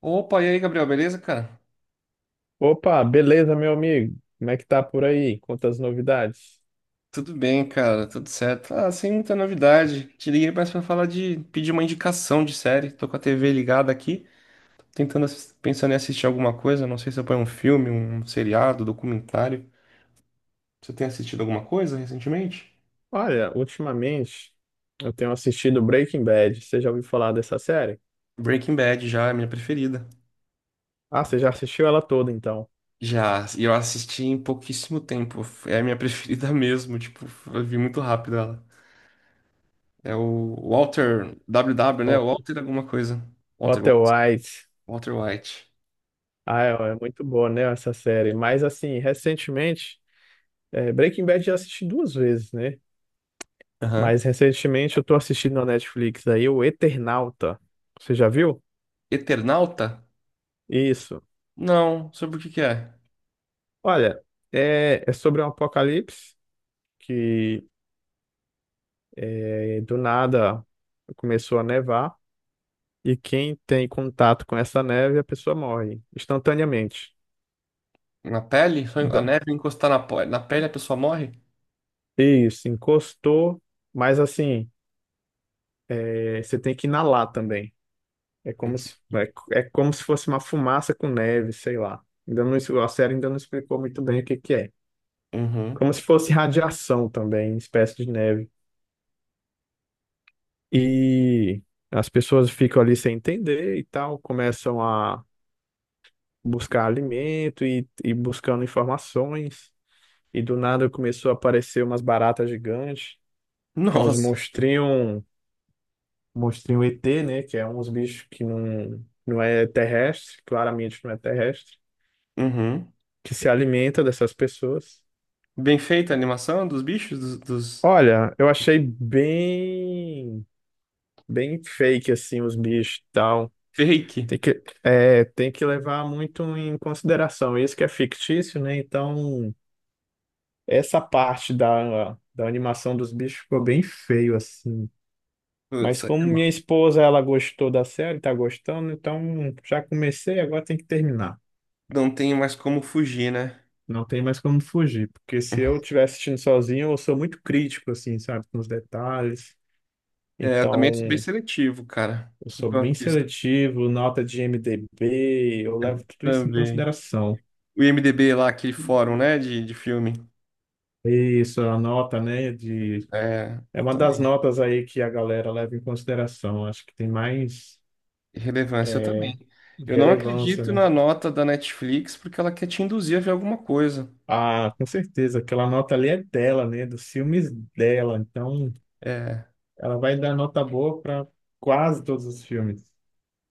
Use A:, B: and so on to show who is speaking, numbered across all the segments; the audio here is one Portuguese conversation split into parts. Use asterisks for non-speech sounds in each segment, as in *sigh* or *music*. A: Opa, e aí, Gabriel, beleza, cara?
B: Opa, beleza, meu amigo? Como é que tá por aí? Quantas novidades?
A: Tudo bem, cara, tudo certo. Sem muita novidade. Te liguei mais pra falar de pedir uma indicação de série. Tô com a TV ligada aqui, pensando em assistir alguma coisa. Não sei se eu ponho um filme, um seriado, documentário. Você tem assistido alguma coisa recentemente?
B: Olha, ultimamente eu tenho assistido Breaking Bad. Você já ouviu falar dessa série?
A: Breaking Bad já é a minha preferida.
B: Ah, você já assistiu ela toda, então.
A: Já, e eu assisti em pouquíssimo tempo. É a minha *laughs* preferida mesmo, tipo, eu vi muito rápido ela. É o Walter W, né?
B: Walter
A: Walter alguma coisa. Walter
B: Walter
A: White.
B: White.
A: Walter White.
B: Ah, é muito boa, né, essa série. Mas, assim, recentemente, Breaking Bad já assisti duas vezes, né? Mas, recentemente, eu tô assistindo na Netflix aí o Eternauta. Você já viu?
A: Eternauta?
B: Isso.
A: Não, sobre o que que é?
B: Olha, é sobre um apocalipse que e do nada começou a nevar, e quem tem contato com essa neve, a pessoa morre instantaneamente.
A: Na pele? Só a
B: Da-
A: neve encostar na pele a pessoa morre?
B: Isso, encostou, mas assim, é, você tem que inalar também. É como se, é como se fosse uma fumaça com neve, sei lá. Ainda não, a série ainda não explicou muito bem o que que é.
A: Uhum.
B: Como se fosse radiação também, espécie de neve. E as pessoas ficam ali sem entender e tal, começam a buscar alimento e, buscando informações. E do nada começou a aparecer umas baratas gigantes, que é uns
A: Nossa.
B: monstrinhos, monstrinho ET, né? Que é uns bichos que não é terrestre, claramente não é terrestre,
A: Uhum.
B: que se alimenta dessas pessoas.
A: Bem feita a animação dos bichos, dos, dos
B: Olha, bem fake assim os bichos e tal.
A: fake.
B: Tem que levar muito em consideração. Isso que é fictício, né? Então essa parte da animação dos bichos ficou bem feio, assim. Mas
A: Putz, aí
B: como
A: é
B: minha
A: mal.
B: esposa, ela gostou da série, tá gostando, então já comecei, agora tem que terminar.
A: Não tem mais como fugir, né?
B: Não tem mais como fugir, porque se eu estiver assistindo sozinho, eu sou muito crítico, assim, sabe, com os detalhes.
A: É, eu
B: Então,
A: também sou bem seletivo, cara.
B: eu
A: No
B: sou
A: que eu
B: bem
A: assisto.
B: seletivo, nota de IMDb, eu
A: Eu
B: levo tudo isso em
A: também.
B: consideração.
A: O IMDb lá, aquele fórum, né, de filme.
B: Isso, a nota, né, de...
A: É,
B: É
A: eu
B: uma das
A: também.
B: notas aí que a galera leva em consideração. Acho que tem mais
A: Relevância eu também. Eu não
B: relevância,
A: acredito
B: né?
A: na nota da Netflix porque ela quer te induzir a ver alguma coisa.
B: Ah, com certeza. Aquela nota ali é dela, né? Dos filmes dela. Então,
A: É,
B: ela vai dar nota boa para quase todos os filmes,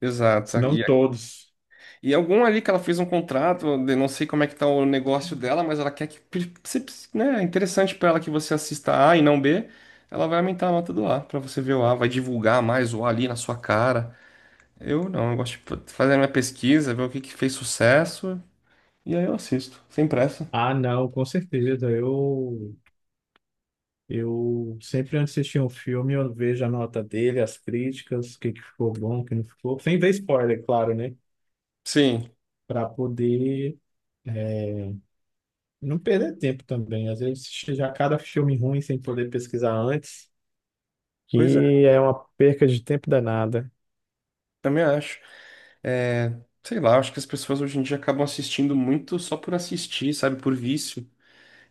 A: exato.
B: se não todos.
A: E algum ali que ela fez um contrato, não sei como é que tá o negócio dela, mas ela quer que, né, é interessante para ela que você assista A e não B, ela vai aumentar a nota do A para você ver o A, vai divulgar mais o A ali na sua cara. Eu não, eu gosto de fazer a minha pesquisa, ver o que que fez sucesso, e aí eu assisto, sem pressa.
B: Ah, não, com certeza. Eu sempre antes de assistir um filme, eu vejo a nota dele, as críticas, o que que ficou bom, o que não ficou. Sem ver spoiler, claro, né?
A: Sim,
B: Para poder, é, não perder tempo também. Às vezes, já cada filme ruim sem poder pesquisar antes,
A: pois é,
B: que é uma perca de tempo danada.
A: também acho. É, sei lá, acho que as pessoas hoje em dia acabam assistindo muito só por assistir, sabe? Por vício.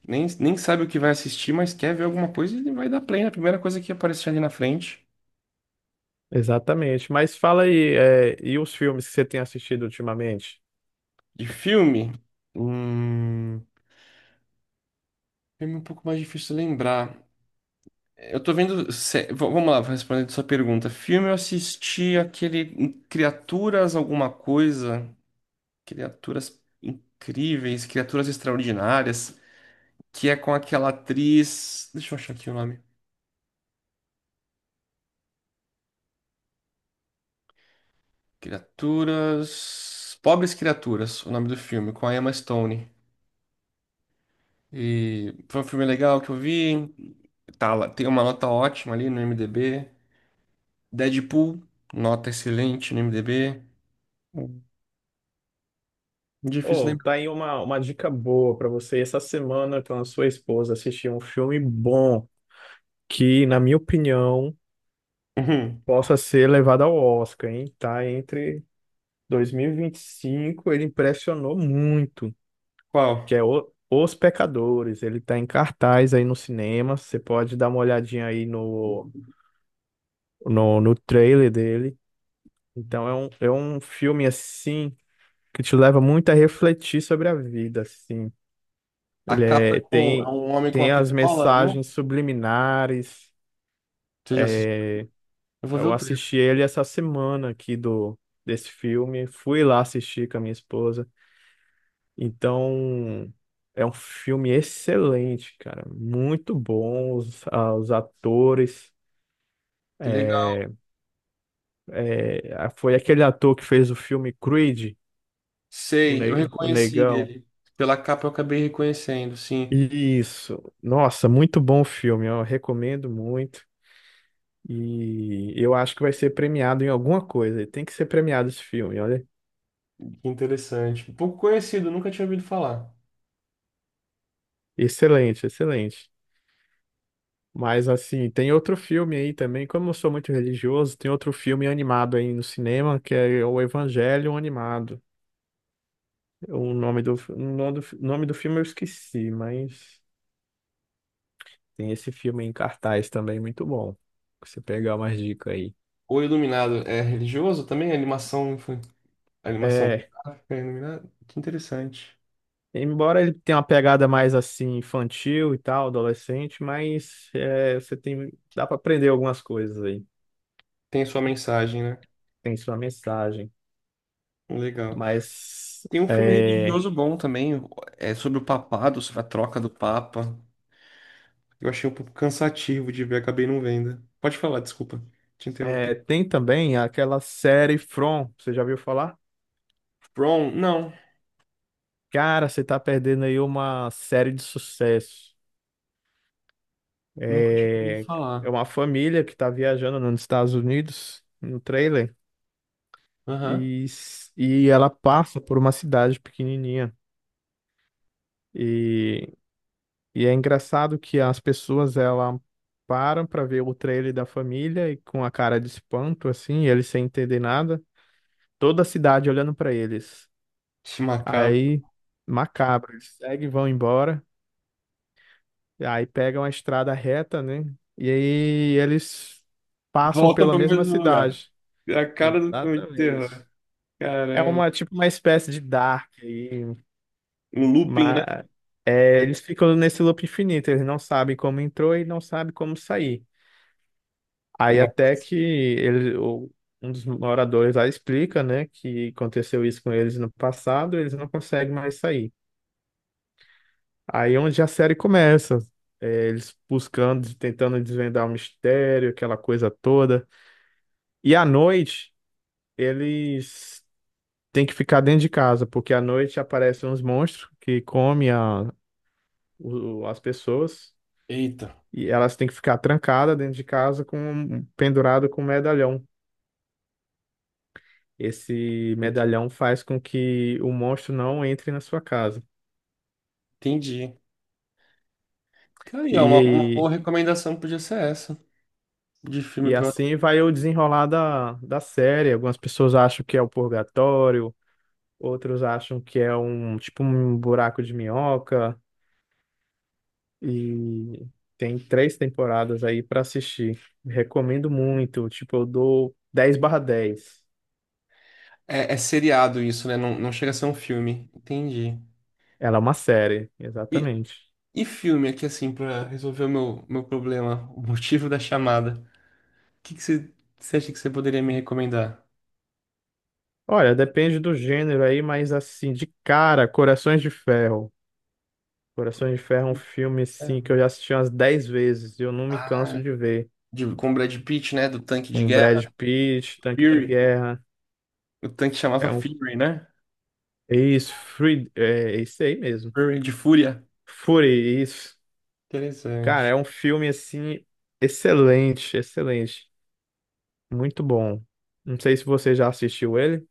A: Nem sabe o que vai assistir, mas quer ver alguma coisa e vai dar play na primeira coisa que aparecer ali na frente.
B: Exatamente. Mas fala aí, é, e os filmes que você tem assistido ultimamente?
A: De filme? Hum, Filme um pouco mais difícil de lembrar. Eu tô vendo. Sé- v- Vamos lá, respondendo sua pergunta. Filme eu assisti aquele Criaturas alguma coisa. Criaturas incríveis, criaturas extraordinárias. Que é com aquela atriz. Deixa eu achar aqui o nome. Criaturas. Pobres Criaturas, o nome do filme, com a Emma Stone. E foi um filme legal que eu vi. Tem uma nota ótima ali no IMDb. Deadpool, nota excelente no IMDb. Hum, Difícil
B: Oh,
A: lembrar.
B: tá aí uma dica boa para você. Essa semana, com a sua esposa, assistir um filme bom que, na minha opinião,
A: Uhum.
B: possa ser levado ao Oscar, hein? Tá entre 2025, ele impressionou muito, que
A: Qual?
B: é Os Pecadores. Ele tá em cartaz aí no cinema. Você pode dar uma olhadinha aí no trailer dele. Então é um filme assim, que te leva muito a refletir sobre a vida, assim.
A: A capa é é
B: Tem,
A: um homem com
B: tem
A: uma
B: as
A: pistola na mão?
B: mensagens subliminares.
A: Você já assistiu?
B: É,
A: Eu vou ver o
B: eu
A: trailer.
B: assisti ele essa semana aqui do desse filme, fui lá assistir com a minha esposa. Então, é um filme excelente, cara, muito bom os, ah, os atores.
A: Que legal.
B: É, ah, foi aquele ator que fez o filme Creed,
A: Sei, eu
B: o
A: reconheci
B: Negão.
A: ele. Pela capa eu acabei reconhecendo, sim.
B: Isso. Nossa, muito bom o filme, eu recomendo muito. E eu acho que vai ser premiado em alguma coisa. Tem que ser premiado esse filme, olha.
A: Que interessante. Pouco conhecido, nunca tinha ouvido falar.
B: Excelente, excelente. Mas assim, tem outro filme aí também, como eu sou muito religioso, tem outro filme animado aí no cinema, que é o Evangelho Animado. Nome do filme eu esqueci, mas tem esse filme em cartaz também, muito bom. Você pegar umas dicas aí.
A: O Iluminado é religioso também? A animação
B: É
A: gráfica é iluminado? Que interessante.
B: Embora ele tenha uma pegada mais assim infantil e tal, adolescente, mas é, você tem, dá para aprender algumas coisas aí.
A: Tem a sua mensagem, né?
B: Tem sua mensagem,
A: Legal.
B: mas
A: Tem um filme
B: é,
A: religioso bom também, é sobre o papado, sobre a troca do papa. Eu achei um pouco cansativo de ver, acabei não vendo. Pode falar, desculpa. Te interrompi.
B: é, tem também aquela série From, você já ouviu falar?
A: From? Não,
B: Cara, você tá perdendo aí uma série de sucesso.
A: nunca tinha ouvido
B: É, é
A: falar.
B: uma família que tá viajando nos Estados Unidos, no trailer,
A: Aham.
B: e, e ela passa por uma cidade pequenininha. E E é engraçado que as pessoas ela param para ver o trailer da família e com a cara de espanto assim, eles sem entender nada, toda a cidade olhando para eles.
A: Que macabro.
B: Aí macabro, eles seguem, vão embora, e aí pegam a estrada reta, né? E aí eles passam
A: Voltam
B: pela
A: para o
B: mesma
A: mesmo lugar.
B: cidade.
A: É a cara do filme de
B: Exatamente.
A: terror.
B: É
A: Caramba.
B: uma tipo uma espécie de Dark aí,
A: Um looping, né?
B: mas é, eles ficam nesse loop infinito, eles não sabem como entrou e não sabem como sair. Aí
A: Não.
B: até que um dos moradores lá explica, né, que aconteceu isso com eles no passado, eles não conseguem mais sair. Aí é onde a série começa, é, eles buscando, tentando desvendar o mistério, aquela coisa toda. E à noite, eles têm que ficar dentro de casa, porque à noite aparecem uns monstros que comem as pessoas,
A: Eita.
B: e elas têm que ficar trancadas dentro de casa com pendurado com um medalhão. Esse medalhão faz com que o monstro não entre na sua casa.
A: Entendi. Cara, e é uma
B: E,
A: boa recomendação que podia ser essa, de filme
B: e
A: pra...
B: assim vai o desenrolar da série. Algumas pessoas acham que é o purgatório, outros acham que é um tipo um buraco de minhoca. E tem 3 temporadas aí para assistir. Recomendo muito. Tipo, eu dou 10/10.
A: É, é seriado isso, né? Não, não chega a ser um filme. Entendi.
B: Ela é uma série,
A: E,
B: exatamente.
A: e filme aqui, assim, pra resolver o meu problema, o motivo da chamada. O que que você, você acha que você poderia me recomendar?
B: Olha, depende do gênero aí, mas assim, de cara, Corações de Ferro. Coração de Ferro é um filme,
A: É.
B: sim, que eu já assisti umas 10 vezes e eu não me
A: Ah,
B: canso de ver.
A: de, com o Brad Pitt, né? Do tanque de
B: Com Brad
A: guerra.
B: Pitt, Tanque de
A: Fury.
B: Guerra.
A: O tanque chamava
B: É um.
A: Fury, né?
B: É isso, Free, é é isso aí mesmo.
A: Fury de fúria.
B: Fury, isso. Cara,
A: Interessante.
B: é um filme, assim, excelente, excelente. Muito bom. Não sei se você já assistiu ele.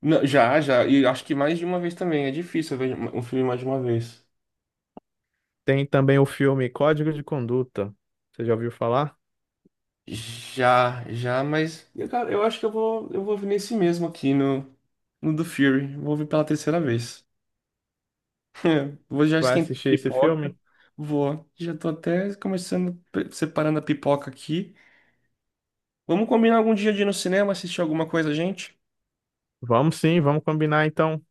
A: Não, já. E acho que mais de uma vez também. É difícil eu ver um filme mais de uma vez.
B: Tem também o filme Código de Conduta. Você já ouviu falar?
A: Já, mas, cara, eu acho que eu vou ouvir nesse mesmo aqui no do Fury. Vou ouvir pela terceira vez. *laughs* Vou já
B: Vai
A: esquentar a
B: assistir esse
A: pipoca.
B: filme?
A: Vou. Já tô até começando, separando a pipoca aqui. Vamos combinar algum dia de ir no cinema, assistir alguma coisa, gente?
B: Vamos sim, vamos combinar então.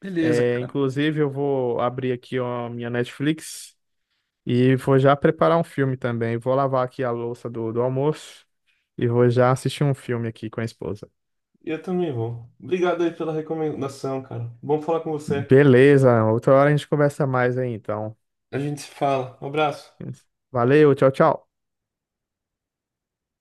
A: Beleza,
B: É,
A: cara.
B: inclusive, eu vou abrir aqui ó, a minha Netflix. E vou já preparar um filme também. Vou lavar aqui a louça do almoço e vou já assistir um filme aqui com a esposa.
A: Eu também vou. Obrigado aí pela recomendação, cara. Bom falar com você.
B: Beleza, outra hora a gente conversa mais aí, então.
A: A gente se fala. Um abraço.
B: Valeu, tchau, tchau.